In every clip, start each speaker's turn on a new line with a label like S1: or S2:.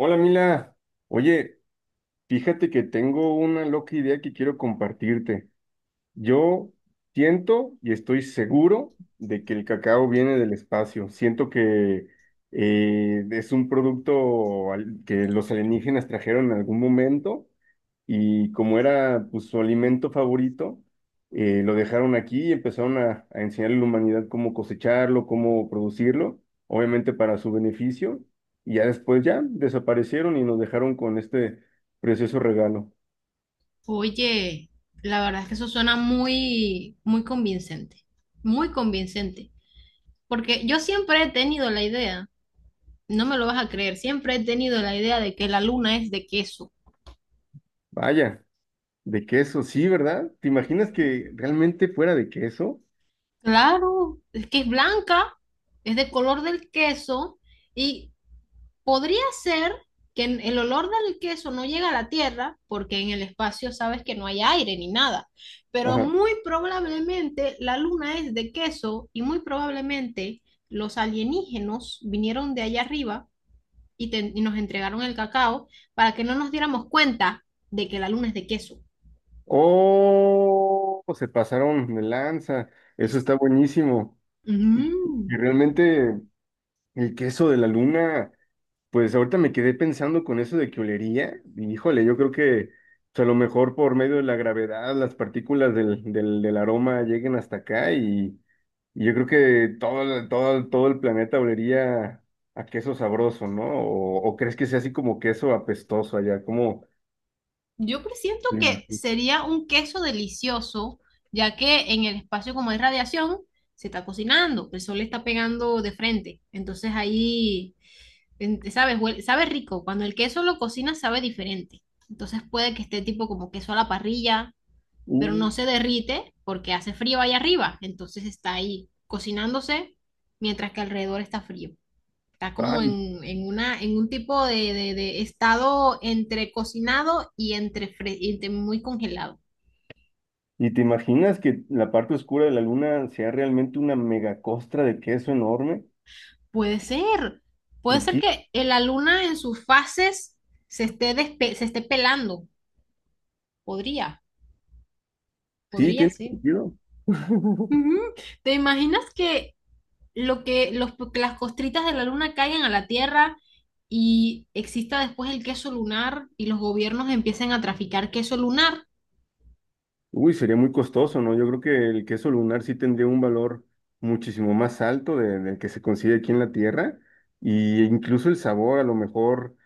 S1: Hola Mila, oye, fíjate que tengo una loca idea que quiero compartirte. Yo siento y estoy seguro de que el cacao viene del espacio. Siento que es un producto que los alienígenas trajeron en algún momento y como era, pues, su alimento favorito, lo dejaron aquí y empezaron a enseñarle a la humanidad cómo cosecharlo, cómo producirlo, obviamente para su beneficio, y ya después ya desaparecieron y nos dejaron con este precioso regalo.
S2: Oye, la verdad es que eso suena muy convincente, muy convincente, porque yo siempre he tenido la idea, no me lo vas a creer, siempre he tenido la idea de que la luna es de queso.
S1: Vaya, de queso, sí, ¿verdad? ¿Te imaginas que realmente fuera de queso?
S2: Claro, es que es blanca, es de color del queso y podría ser que el olor del queso no llega a la tierra porque en el espacio sabes que no hay aire ni nada, pero
S1: Ajá.
S2: muy probablemente la luna es de queso y muy probablemente los alienígenos vinieron de allá arriba y nos entregaron el cacao para que no nos diéramos cuenta de que la luna es de queso.
S1: Oh, se pasaron de lanza, eso
S2: Es-
S1: está buenísimo. Y
S2: Mm.
S1: realmente el queso de la luna. Pues ahorita me quedé pensando con eso de que olería, y híjole, yo creo que, pues, a lo mejor por medio de la gravedad las partículas del aroma lleguen hasta acá y yo creo que todo, todo, todo el planeta olería a queso sabroso, ¿no? ¿O, o crees que sea así como queso apestoso allá, como...
S2: Yo presiento
S1: te
S2: que
S1: imaginas?
S2: sería un queso delicioso, ya que en el espacio como hay radiación, se está cocinando, el sol le está pegando de frente. Entonces ahí, ¿sabes? Sabe rico. Cuando el queso lo cocina, sabe diferente. Entonces puede que esté tipo como queso a la parrilla, pero
S1: Uh,
S2: no se derrite porque hace frío ahí arriba. Entonces está ahí cocinándose mientras que alrededor está frío. Está como
S1: ay,
S2: en un tipo de estado entre cocinado y entre, y entre muy congelado.
S1: ¿y te imaginas que la parte oscura de la luna sea realmente una megacostra de queso enorme?
S2: Puede ser. Puede ser
S1: Riqui-
S2: que la luna en sus fases se esté pelando. Podría,
S1: Sí,
S2: podría
S1: tiene
S2: ser.
S1: sentido.
S2: Ujú. ¿Te imaginas que, que las costritas de la luna caigan a la Tierra y exista después el queso lunar y los gobiernos empiecen a traficar queso lunar?
S1: Uy, sería muy costoso, ¿no? Yo creo que el queso lunar sí tendría un valor muchísimo más alto del que se consigue aquí en la Tierra, y incluso el sabor a lo mejor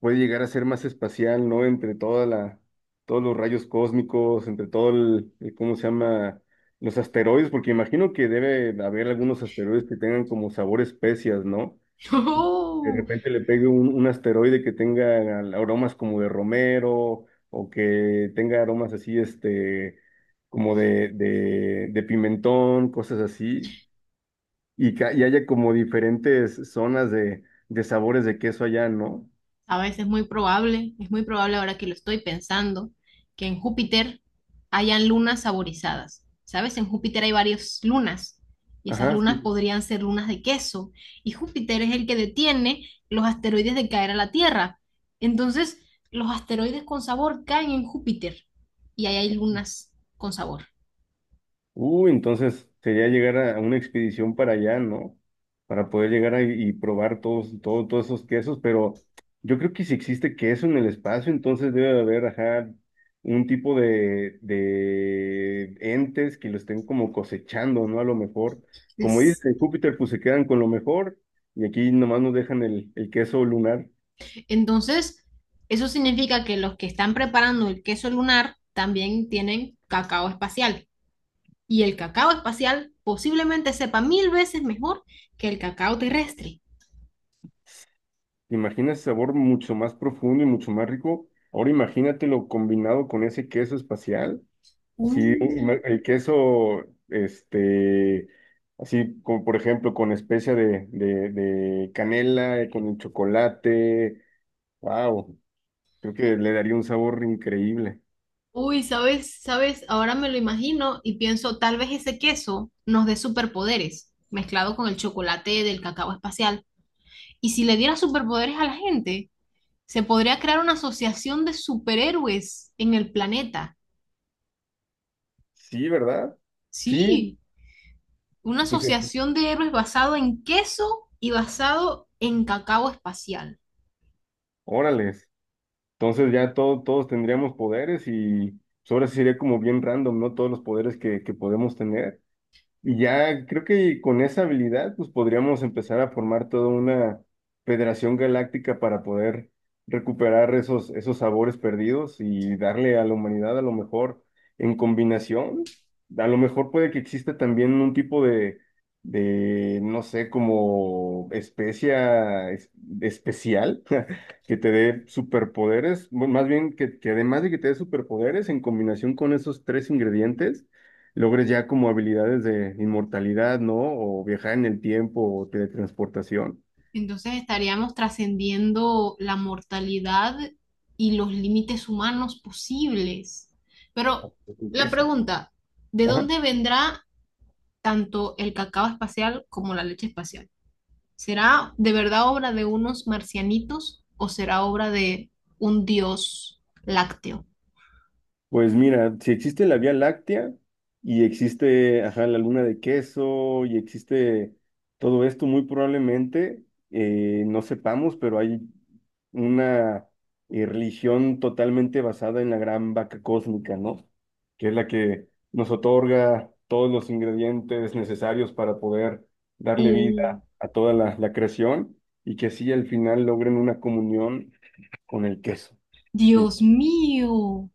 S1: puede llegar a ser más espacial, ¿no? Entre toda la, todos los rayos cósmicos, entre todo el, ¿cómo se llama? Los asteroides, porque imagino que debe haber algunos asteroides que tengan como sabor especias, ¿no? De repente le pegue un asteroide que tenga aromas como de romero o que tenga aromas así, este, como de pimentón, cosas así, y, ca y haya como diferentes zonas de sabores de queso allá, ¿no?
S2: A veces muy probable, es muy probable ahora que lo estoy pensando, que en Júpiter hayan lunas saborizadas. ¿Sabes? En Júpiter hay varias lunas y esas
S1: Ajá,
S2: lunas
S1: sí.
S2: podrían ser lunas de queso. Y Júpiter es el que detiene los asteroides de caer a la Tierra. Entonces, los asteroides con sabor caen en Júpiter y ahí hay lunas con sabor.
S1: Entonces sería llegar a una expedición para allá, ¿no? Para poder llegar ahí y probar todos, todos esos quesos, pero yo creo que si existe queso en el espacio, entonces debe de haber, ajá, un tipo de entes que lo estén como cosechando, ¿no? A lo mejor, como dice Júpiter, pues se quedan con lo mejor y aquí nomás nos dejan el queso lunar.
S2: Entonces, eso significa que los que están preparando el queso lunar también tienen cacao espacial. Y el cacao espacial posiblemente sepa mil veces mejor que el cacao terrestre.
S1: ¿Te imaginas ese sabor mucho más profundo y mucho más rico? Ahora imagínatelo combinado con ese queso espacial. Sí,
S2: Mm.
S1: el queso, este, así como por ejemplo con especia de canela, con el chocolate, wow, creo que le daría un sabor increíble.
S2: Uy, ¿sabes? ¿Sabes? Ahora me lo imagino y pienso, tal vez ese queso nos dé superpoderes, mezclado con el chocolate del cacao espacial. Y si le diera superpoderes a la gente, se podría crear una asociación de superhéroes en el planeta.
S1: Sí, ¿verdad? Sí,
S2: Sí, una
S1: pues,
S2: asociación de héroes basado en queso y basado en cacao espacial.
S1: órales. Entonces ya todos tendríamos poderes y, pues, ahora sí sería como bien random, ¿no? Todos los poderes que podemos tener. Y ya creo que con esa habilidad, pues, podríamos empezar a formar toda una federación galáctica para poder recuperar esos, esos sabores perdidos y darle a la humanidad a lo mejor en combinación. A lo mejor puede que exista también un tipo de no sé, como especia especial que te dé superpoderes, bueno, más bien que además de que te dé superpoderes en combinación con esos tres ingredientes logres ya como habilidades de inmortalidad, ¿no? O viajar en el tiempo o teletransportación.
S2: Entonces estaríamos trascendiendo la mortalidad y los límites humanos posibles. Pero
S1: Un
S2: la
S1: queso.
S2: pregunta, ¿de
S1: Ajá.
S2: dónde vendrá tanto el cacao espacial como la leche espacial? ¿Será de verdad obra de unos marcianitos o será obra de un dios lácteo?
S1: Pues mira, si existe la Vía Láctea y existe, ajá, la luna de queso y existe todo esto, muy probablemente, no sepamos, pero hay una, religión totalmente basada en la gran vaca cósmica, ¿no? Que es la que nos otorga todos los ingredientes necesarios para poder darle
S2: Oh,
S1: vida a toda la, la creación, y que así al final logren una comunión con el queso.
S2: Dios mío,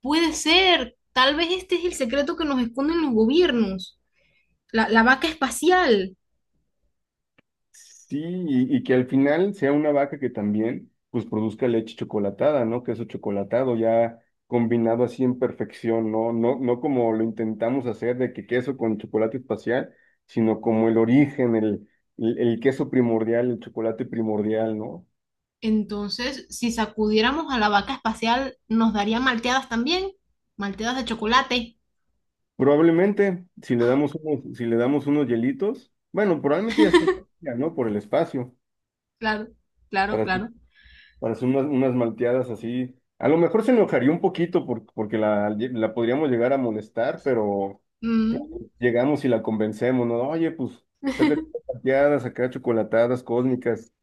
S2: puede ser. Tal vez este es el secreto que nos esconden los gobiernos. La vaca espacial.
S1: Sí, y que al final sea una vaca que también pues produzca leche chocolatada, ¿no? Queso chocolatado ya combinado así en perfección, ¿no? No, no como lo intentamos hacer de que queso con chocolate espacial, sino como el origen, el, el queso primordial, el chocolate primordial, ¿no?
S2: Entonces, si sacudiéramos a la vaca espacial, nos daría malteadas también, malteadas de chocolate.
S1: Probablemente si le damos unos, si le damos unos hielitos, bueno, probablemente ya está, ¿no? Por el espacio,
S2: Claro,
S1: para
S2: claro.
S1: para hacer unas, unas malteadas así. A lo mejor se enojaría un poquito porque la podríamos llegar a molestar, pero
S2: Mm,
S1: llegamos y la convencemos, ¿no? Oye, pues, sácate unas malteadas, acá chocolatadas cósmicas,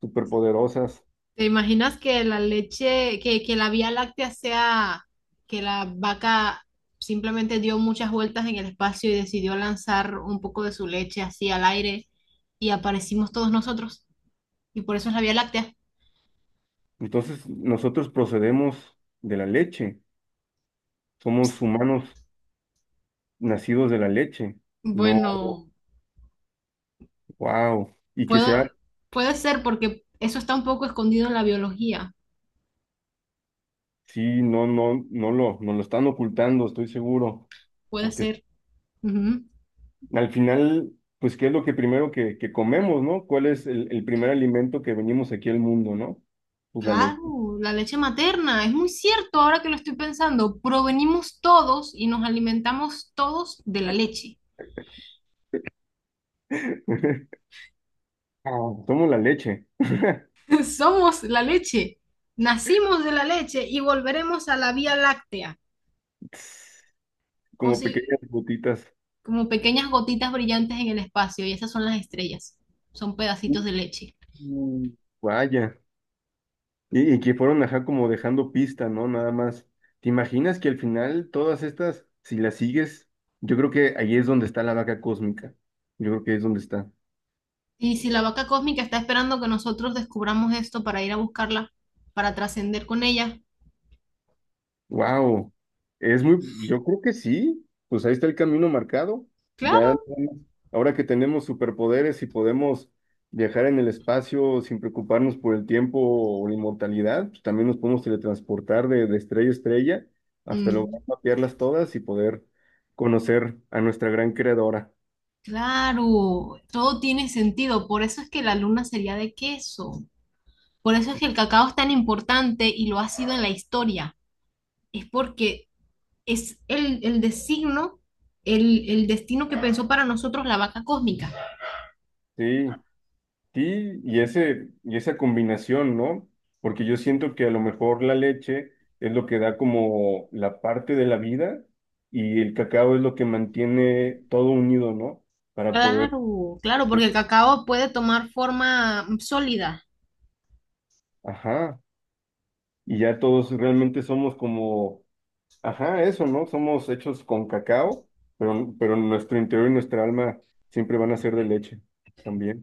S1: superpoderosas.
S2: ¿te imaginas que la leche, que la Vía Láctea sea, que la vaca simplemente dio muchas vueltas en el espacio y decidió lanzar un poco de su leche así al aire y aparecimos todos nosotros? Y por eso es la Vía Láctea.
S1: Entonces, nosotros procedemos de la leche. Somos humanos nacidos de la leche. No,
S2: Bueno,
S1: wow. Y que
S2: puedo,
S1: sea,
S2: puede ser porque eso está un poco escondido en la biología.
S1: sí, no, no, no lo están ocultando, estoy seguro.
S2: Puede
S1: Porque
S2: ser. Ujú.
S1: al final, pues, ¿qué es lo que primero que comemos, ¿no? ¿Cuál es el primer alimento que venimos aquí al mundo, ¿no? Pues la leche.
S2: Claro, la leche materna, es muy cierto ahora que lo estoy pensando, provenimos todos y nos alimentamos todos de la leche.
S1: Somos la leche.
S2: Somos la leche, nacimos de la leche y volveremos a la Vía Láctea,
S1: Tss, como
S2: posi-
S1: pequeñas gotitas.
S2: como pequeñas gotitas brillantes en el espacio y esas son las estrellas, son pedacitos de leche.
S1: Mm, vaya. Y que fueron, ajá, como dejando pista, ¿no? Nada más. ¿Te imaginas que al final todas estas, si las sigues, yo creo que ahí es donde está la vaca cósmica. Yo creo que ahí es donde está.
S2: Y si la vaca cósmica está esperando que nosotros descubramos esto para ir a buscarla, para trascender con ella,
S1: Wow, es muy, yo creo que sí, pues ahí está el camino marcado. Ya,
S2: claro.
S1: ahora que tenemos superpoderes y podemos viajar en el espacio sin preocuparnos por el tiempo o la inmortalidad, pues también nos podemos teletransportar de estrella a estrella hasta
S2: Mm.
S1: lograr mapearlas todas y poder conocer a nuestra gran creadora.
S2: Claro, todo tiene sentido. Por eso es que la luna sería de queso. Por eso es que el cacao es tan importante y lo ha sido en la historia. Es porque es el designo, el destino que pensó para nosotros la vaca cósmica.
S1: Sí, sí, y ese, y esa combinación, ¿no? Porque yo siento que a lo mejor la leche es lo que da como la parte de la vida y el cacao es lo que mantiene todo unido, ¿no? Para poder,
S2: Claro, claro, porque el cacao puede tomar forma sólida.
S1: ajá, y ya todos realmente somos como, ajá, eso, ¿no? Somos hechos con cacao, pero nuestro interior y nuestra alma siempre van a ser de leche también,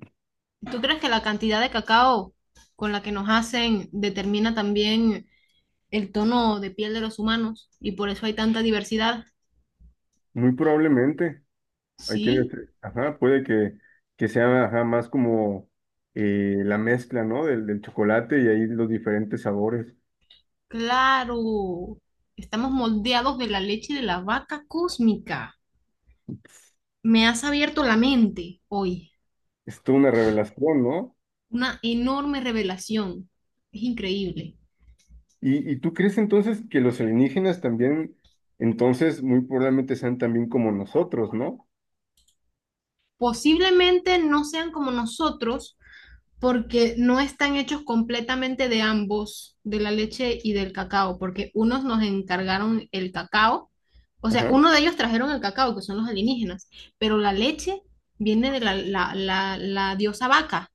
S2: ¿Tú crees que la cantidad de cacao con la que nos hacen determina también el tono de piel de los humanos y por eso hay tanta diversidad?
S1: muy probablemente. Hay quienes,
S2: Sí.
S1: ajá, puede que sea ajá, más como, la mezcla, ¿no? Del chocolate y ahí los diferentes sabores.
S2: Claro, estamos moldeados de la leche de la vaca cósmica. Me has abierto la mente hoy.
S1: Es toda una revelación, ¿no?
S2: Una enorme revelación. Es increíble.
S1: Y tú crees entonces que los alienígenas también, entonces, muy probablemente sean también como nosotros, ¿no?
S2: Posiblemente no sean como nosotros porque no están hechos completamente de ambos, de la leche y del cacao, porque unos nos encargaron el cacao. O sea,
S1: Ajá,
S2: uno de ellos trajeron el cacao, que son los alienígenas, pero la leche viene de la, la diosa vaca.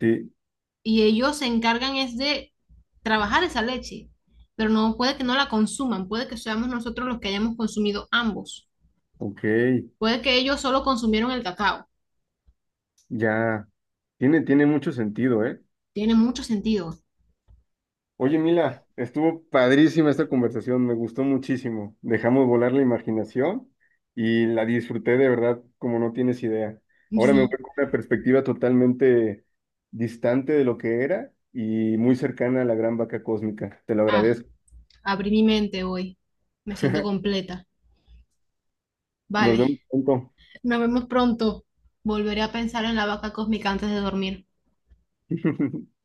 S1: sí,
S2: Y ellos se encargan es de trabajar esa leche, pero no puede que no la consuman, puede que seamos nosotros los que hayamos consumido ambos,
S1: ok,
S2: puede que ellos solo consumieron el cacao,
S1: ya, tiene, tiene mucho sentido, ¿eh?
S2: tiene mucho sentido.
S1: Oye, Mila, estuvo padrísima esta conversación, me gustó muchísimo. Dejamos volar la imaginación y la disfruté de verdad como no tienes idea. Ahora me voy
S2: Sí.
S1: con una perspectiva totalmente distante de lo que era y muy cercana a la gran vaca cósmica. Te lo
S2: Ah,
S1: agradezco.
S2: abrí mi mente hoy, me siento completa.
S1: Nos
S2: Vale,
S1: vemos pronto.
S2: nos vemos pronto. Volveré a pensar en la vaca cósmica antes de dormir.